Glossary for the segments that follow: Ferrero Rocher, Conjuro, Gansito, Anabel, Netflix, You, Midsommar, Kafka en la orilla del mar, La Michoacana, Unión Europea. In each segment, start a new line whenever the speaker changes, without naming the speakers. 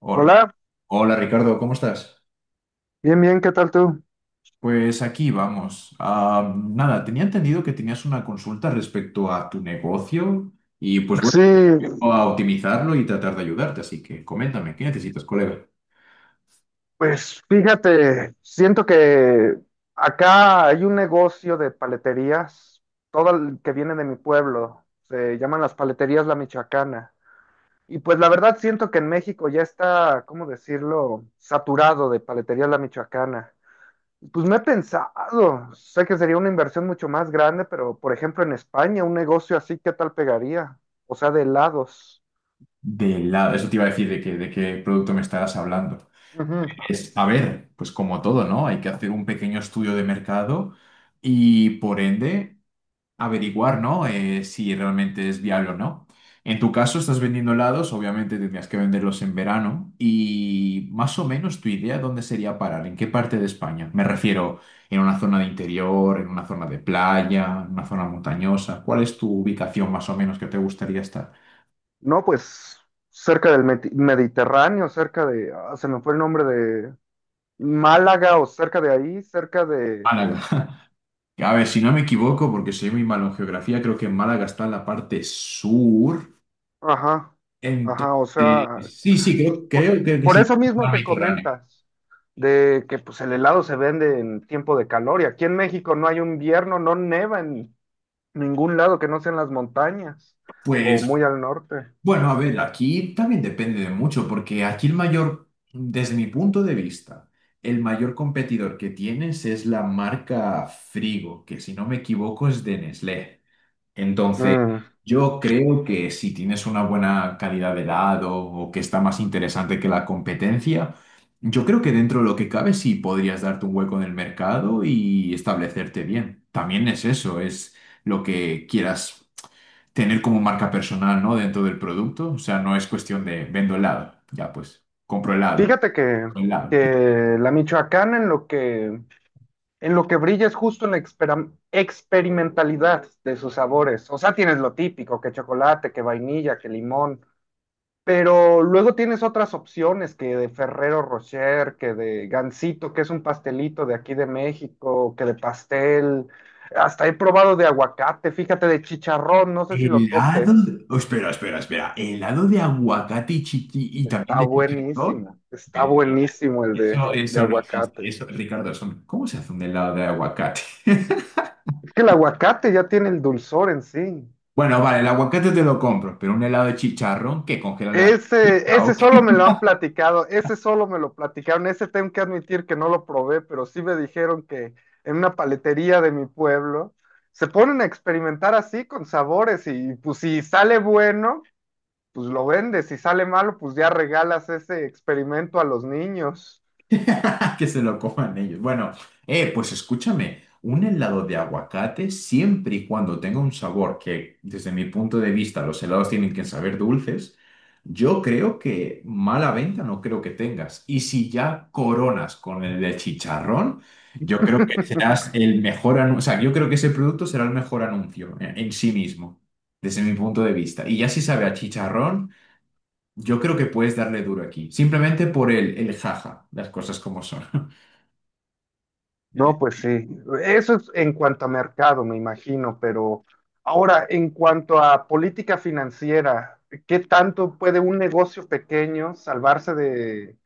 Hola,
Hola,
hola, Ricardo, ¿cómo estás?
bien, bien, ¿qué tal tú?
Pues aquí vamos. Nada, tenía entendido que tenías una consulta respecto a tu negocio y pues bueno,
Sí,
vengo a optimizarlo y tratar de ayudarte, así que coméntame, ¿qué necesitas, colega?
pues fíjate, siento que acá hay un negocio de paleterías, todo el que viene de mi pueblo, se llaman las paleterías La Michoacana. Y pues la verdad siento que en México ya está, ¿cómo decirlo?, saturado de paleterías La Michoacana. Pues me he pensado, sé que sería una inversión mucho más grande, pero por ejemplo en España, un negocio así, ¿qué tal pegaría? O sea, de helados.
De la... Eso te iba a decir de qué producto me estabas hablando.
Ujú.
Es, a ver, pues como todo, ¿no? Hay que hacer un pequeño estudio de mercado y por ende... averiguar, ¿no? Si realmente es viable o no. En tu caso, estás vendiendo helados, obviamente tendrías que venderlos en verano. Y más o menos tu idea, ¿dónde sería parar? ¿En qué parte de España? Me refiero, ¿en una zona de interior, en una zona de playa, en una zona montañosa? ¿Cuál es tu ubicación más o menos que te gustaría estar?
No, pues cerca del Mediterráneo, cerca de, se me fue el nombre de Málaga o cerca de ahí, cerca de,
Málaga. A ver, si no me equivoco, porque soy muy malo en geografía, creo que Málaga está en la parte sur.
ajá,
Entonces,
ajá, o sea,
sí, sí, creo,
por,
creo, creo que
por
sí,
eso mismo
mar
que
Mediterráneo.
comentas, de que pues el helado se vende en tiempo de calor y aquí en México no hay un invierno, no neva en ningún lado que no sean las montañas o
Pues
muy al norte.
Bueno, a ver, aquí también depende de mucho, porque aquí el mayor, desde mi punto de vista, el mayor competidor que tienes es la marca Frigo, que si no me equivoco es de Nestlé. Entonces,
Mm,
yo creo que si tienes una buena calidad de helado o que está más interesante que la competencia, yo creo que dentro de lo que cabe sí podrías darte un hueco en el mercado y establecerte bien. También es eso, es lo que quieras tener como marca personal, ¿no? Dentro del producto. O sea, no es cuestión de vendo helado. Ya, pues, compro helado.
Fíjate que,
compro Helado.
que la Michoacana en lo que brilla es justo en la experimentalidad de sus sabores. O sea, tienes lo típico, que chocolate, que vainilla, que limón. Pero luego tienes otras opciones que de Ferrero Rocher, que de Gansito, que es un pastelito de aquí de México, que de pastel. Hasta he probado de aguacate, fíjate, de chicharrón, no sé si lo topes.
Oh, espera, espera, espera. Helado de aguacate y también de chicharrón.
Está
Mentira.
buenísimo el
Eso,
de
eso no existe.
aguacate.
Eso, Ricardo, eso no- ¿cómo se hace un helado de aguacate?
Es que el aguacate ya tiene el dulzor en sí.
Bueno, vale, el aguacate te lo compro, pero un helado de chicharrón que congelan la.
Ese, ese
¿O qué?
solo me lo han platicado, ese solo me lo platicaron, ese tengo que admitir que no lo probé, pero sí me dijeron que en una paletería de mi pueblo se ponen a experimentar así con sabores y pues si sale bueno, pues lo vendes, si sale malo, pues ya regalas ese experimento a los niños.
Que se lo coman ellos. Bueno, pues escúchame, un helado de aguacate siempre y cuando tenga un sabor que, desde mi punto de vista, los helados tienen que saber dulces, yo creo que mala venta no creo que tengas. Y si ya coronas con el de chicharrón, yo creo que serás el mejor anuncio, o sea, yo creo que ese producto será el mejor anuncio en sí mismo, desde mi punto de vista. Y ya si sabe a chicharrón. Yo creo que puedes darle duro aquí, simplemente por el jaja, las cosas como son.
No, pues sí. Eso es en cuanto a mercado, me imagino, pero ahora, en cuanto a política financiera, ¿qué tanto puede un negocio pequeño salvarse de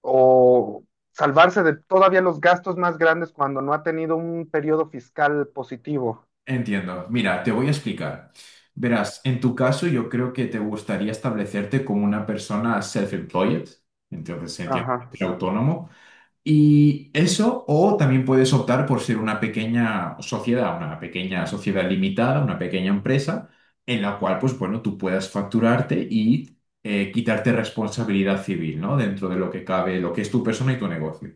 o salvarse de todavía los gastos más grandes cuando no ha tenido un periodo fiscal positivo?
Entiendo. Mira, te voy a explicar. Verás, en tu caso yo creo que te gustaría establecerte como una persona self-employed, entonces entiendo que
Ajá.
eres autónomo, y eso, o también puedes optar por ser una pequeña sociedad limitada, una pequeña empresa, en la cual, pues bueno, tú puedas facturarte y quitarte responsabilidad civil, ¿no? Dentro de lo que cabe, lo que es tu persona y tu negocio.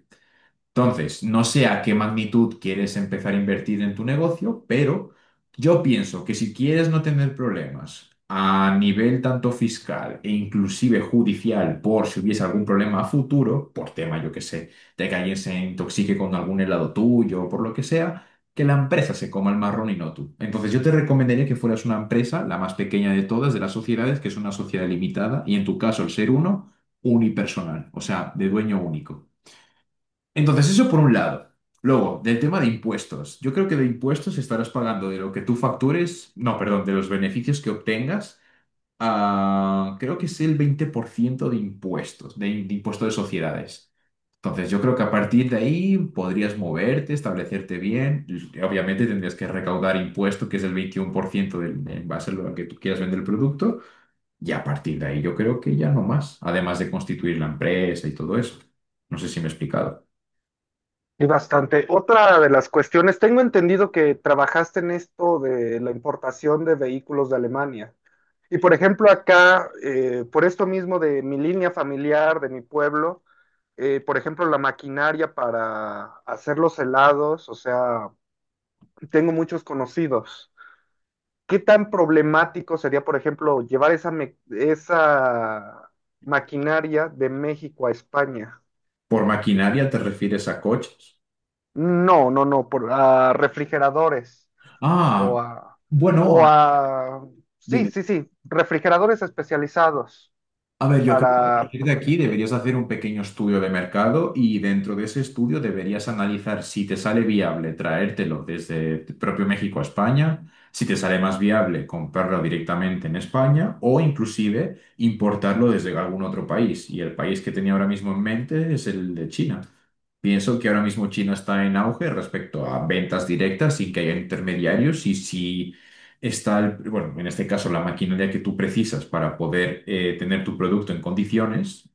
Entonces, no sé a qué magnitud quieres empezar a invertir en tu negocio, pero yo pienso que si quieres no tener problemas a nivel tanto fiscal e inclusive judicial por si hubiese algún problema a futuro, por tema, yo qué sé, de que alguien se intoxique con algún helado tuyo o por lo que sea, que la empresa se coma el marrón y no tú. Entonces, yo te recomendaría que fueras una empresa, la más pequeña de todas, de las sociedades, que es una sociedad limitada, y en tu caso, unipersonal, o sea, de dueño único. Entonces, eso por un lado. Luego, del tema de impuestos. Yo creo que de impuestos estarás pagando de lo que tú factures, no, perdón, de los beneficios que obtengas, creo que es el 20% de impuestos, de impuesto de sociedades. Entonces, yo creo que a partir de ahí podrías moverte, establecerte bien. Y obviamente tendrías que recaudar impuesto, que es el 21% del, en base a lo que tú quieras vender el producto. Y a partir de ahí yo creo que ya no más, además de constituir la empresa y todo eso. No sé si me he explicado.
Y bastante. Otra de las cuestiones, tengo entendido que trabajaste en esto de la importación de vehículos de Alemania. Y por ejemplo, acá, por esto mismo de mi línea familiar, de mi pueblo, por ejemplo, la maquinaria para hacer los helados, o sea, tengo muchos conocidos. ¿Qué tan problemático sería, por ejemplo, llevar esa maquinaria de México a España?
Por maquinaria te refieres a coches.
No, no, no, a refrigeradores
Ah,
o
bueno,
o
a-
a, sí,
Dime.
sí, sí, refrigeradores especializados
A ver, yo creo que a
para
partir de aquí deberías hacer un pequeño estudio de mercado y dentro de ese estudio deberías analizar si te sale viable traértelo desde propio México a España, si te sale más viable comprarlo directamente en España o inclusive importarlo desde algún otro país. Y el país que tenía ahora mismo en mente es el de China. Pienso que ahora mismo China está en auge respecto a ventas directas sin que haya intermediarios y si está, bueno, en este caso la maquinaria que tú precisas para poder tener tu producto en condiciones,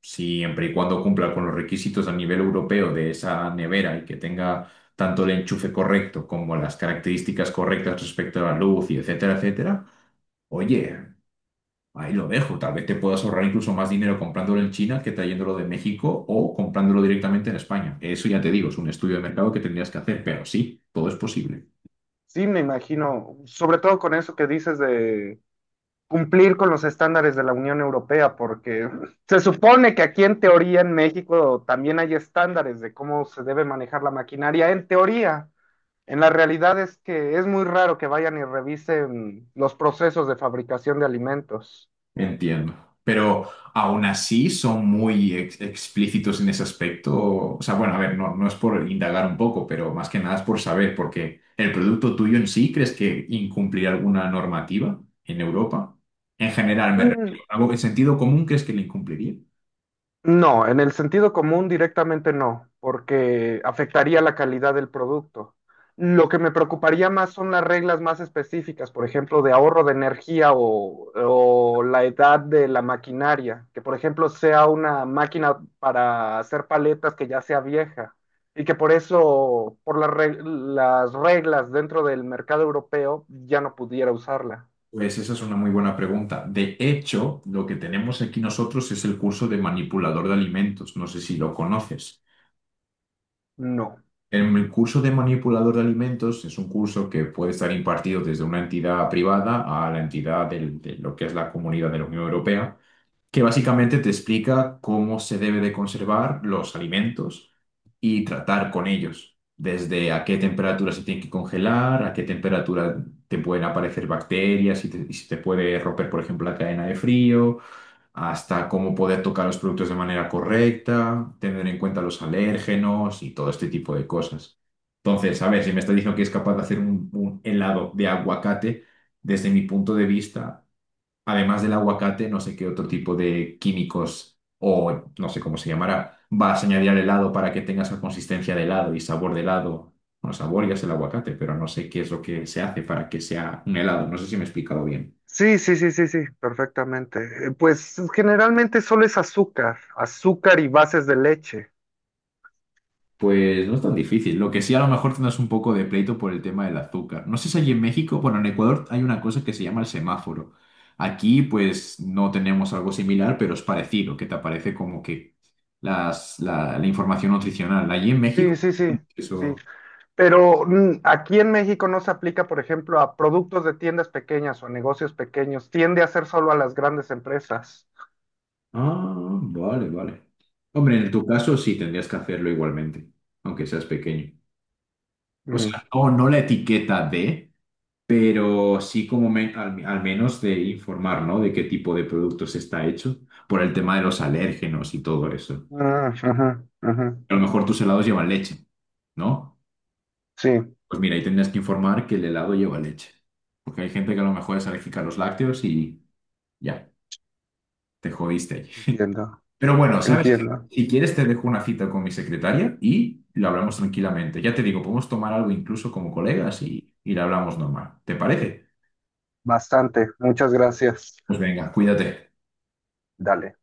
siempre y cuando cumpla con los requisitos a nivel europeo de esa nevera y que tenga tanto el enchufe correcto como las características correctas respecto a la luz y etcétera, etcétera. Oye, Ahí lo dejo. Tal vez te puedas ahorrar incluso más dinero comprándolo en China que trayéndolo de México o comprándolo directamente en España. Eso ya te digo, es un estudio de mercado que tendrías que hacer, pero sí, todo es posible.
sí, me imagino, sobre todo con eso que dices de cumplir con los estándares de la Unión Europea, porque se supone que aquí en teoría en México también hay estándares de cómo se debe manejar la maquinaria, en teoría. En la realidad es que es muy raro que vayan y revisen los procesos de fabricación de alimentos.
Entiendo. Pero aún así son muy explícitos en ese aspecto. O sea, bueno, a ver, no, no es por indagar un poco, pero más que nada es por saber, porque el producto tuyo en sí, ¿crees que incumplirá alguna normativa en Europa? En general, me refiero.
Mm,
¿Algo en sentido común crees que le incumpliría?
No, en el sentido común directamente no, porque afectaría la calidad del producto. Lo que me preocuparía más son las reglas más específicas, por ejemplo, de ahorro de energía o la edad de la maquinaria, que por ejemplo sea una máquina para hacer paletas que ya sea vieja y que por eso, por las reglas dentro del mercado europeo, ya no pudiera usarla.
Pues esa es una muy buena pregunta. De hecho, lo que tenemos aquí nosotros es el curso de manipulador de alimentos. No sé si lo conoces.
No.
En El curso de manipulador de alimentos es un curso que puede estar impartido desde una entidad privada a la entidad de lo que es la comunidad de la Unión Europea que básicamente te explica cómo se debe de conservar los alimentos y tratar con ellos, desde a qué temperatura se tienen que congelar, a qué temperatura te pueden aparecer bacterias y, y si te puede romper, por ejemplo, la cadena de frío, hasta cómo poder tocar los productos de manera correcta, tener en cuenta los alérgenos y todo este tipo de cosas. Entonces, a ver, si me estás diciendo que es capaz de hacer un helado de aguacate, desde mi punto de vista, además del aguacate, no sé qué otro tipo de químicos o no sé cómo se llamará, vas a añadir al helado para que tenga esa consistencia de helado y sabor de helado. Bueno, sabor ya es el aguacate, pero no sé qué es lo que se hace para que sea un helado. No sé si me he explicado bien.
Sí, sí, sí, sí, sí, perfectamente. Pues generalmente solo es azúcar, azúcar y bases de leche.
Pues no es tan difícil. Lo que sí a lo mejor tendrás un poco de pleito por el tema del azúcar. No sé si allí en México, bueno, en Ecuador hay una cosa que se llama el semáforo. Aquí pues no tenemos algo similar, pero es parecido, que te aparece como que las, la información nutricional. Allí en México...
Sí, sí, sí, sí.
Eso.
Pero mm, aquí en México no se aplica, por ejemplo, a productos de tiendas pequeñas o a negocios pequeños. Tiende a ser solo a las grandes empresas.
Ah, vale, vale. Hombre, en tu caso sí tendrías que hacerlo igualmente, aunque seas pequeño. O
Mm.
sea, no, no la etiqueta de, pero sí como al, al menos de informar, ¿no? De qué tipo de productos está hecho, por el tema de los alérgenos y todo eso.
Ah, ajá, ajá.
A lo mejor tus helados llevan leche, ¿no?
Sí,
Pues mira, ahí tendrías que informar que el helado lleva leche. Porque hay gente que a lo mejor es alérgica a los lácteos y ya, te jodiste.
entiendo,
Pero bueno, ¿sabes qué?
entiendo.
Si quieres, te dejo una cita con mi secretaria y lo hablamos tranquilamente. Ya te digo, podemos tomar algo incluso como colegas y lo hablamos normal. ¿Te parece?
Bastante. Muchas gracias.
Pues venga, cuídate.
Dale.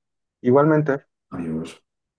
Igualmente.
Adiós.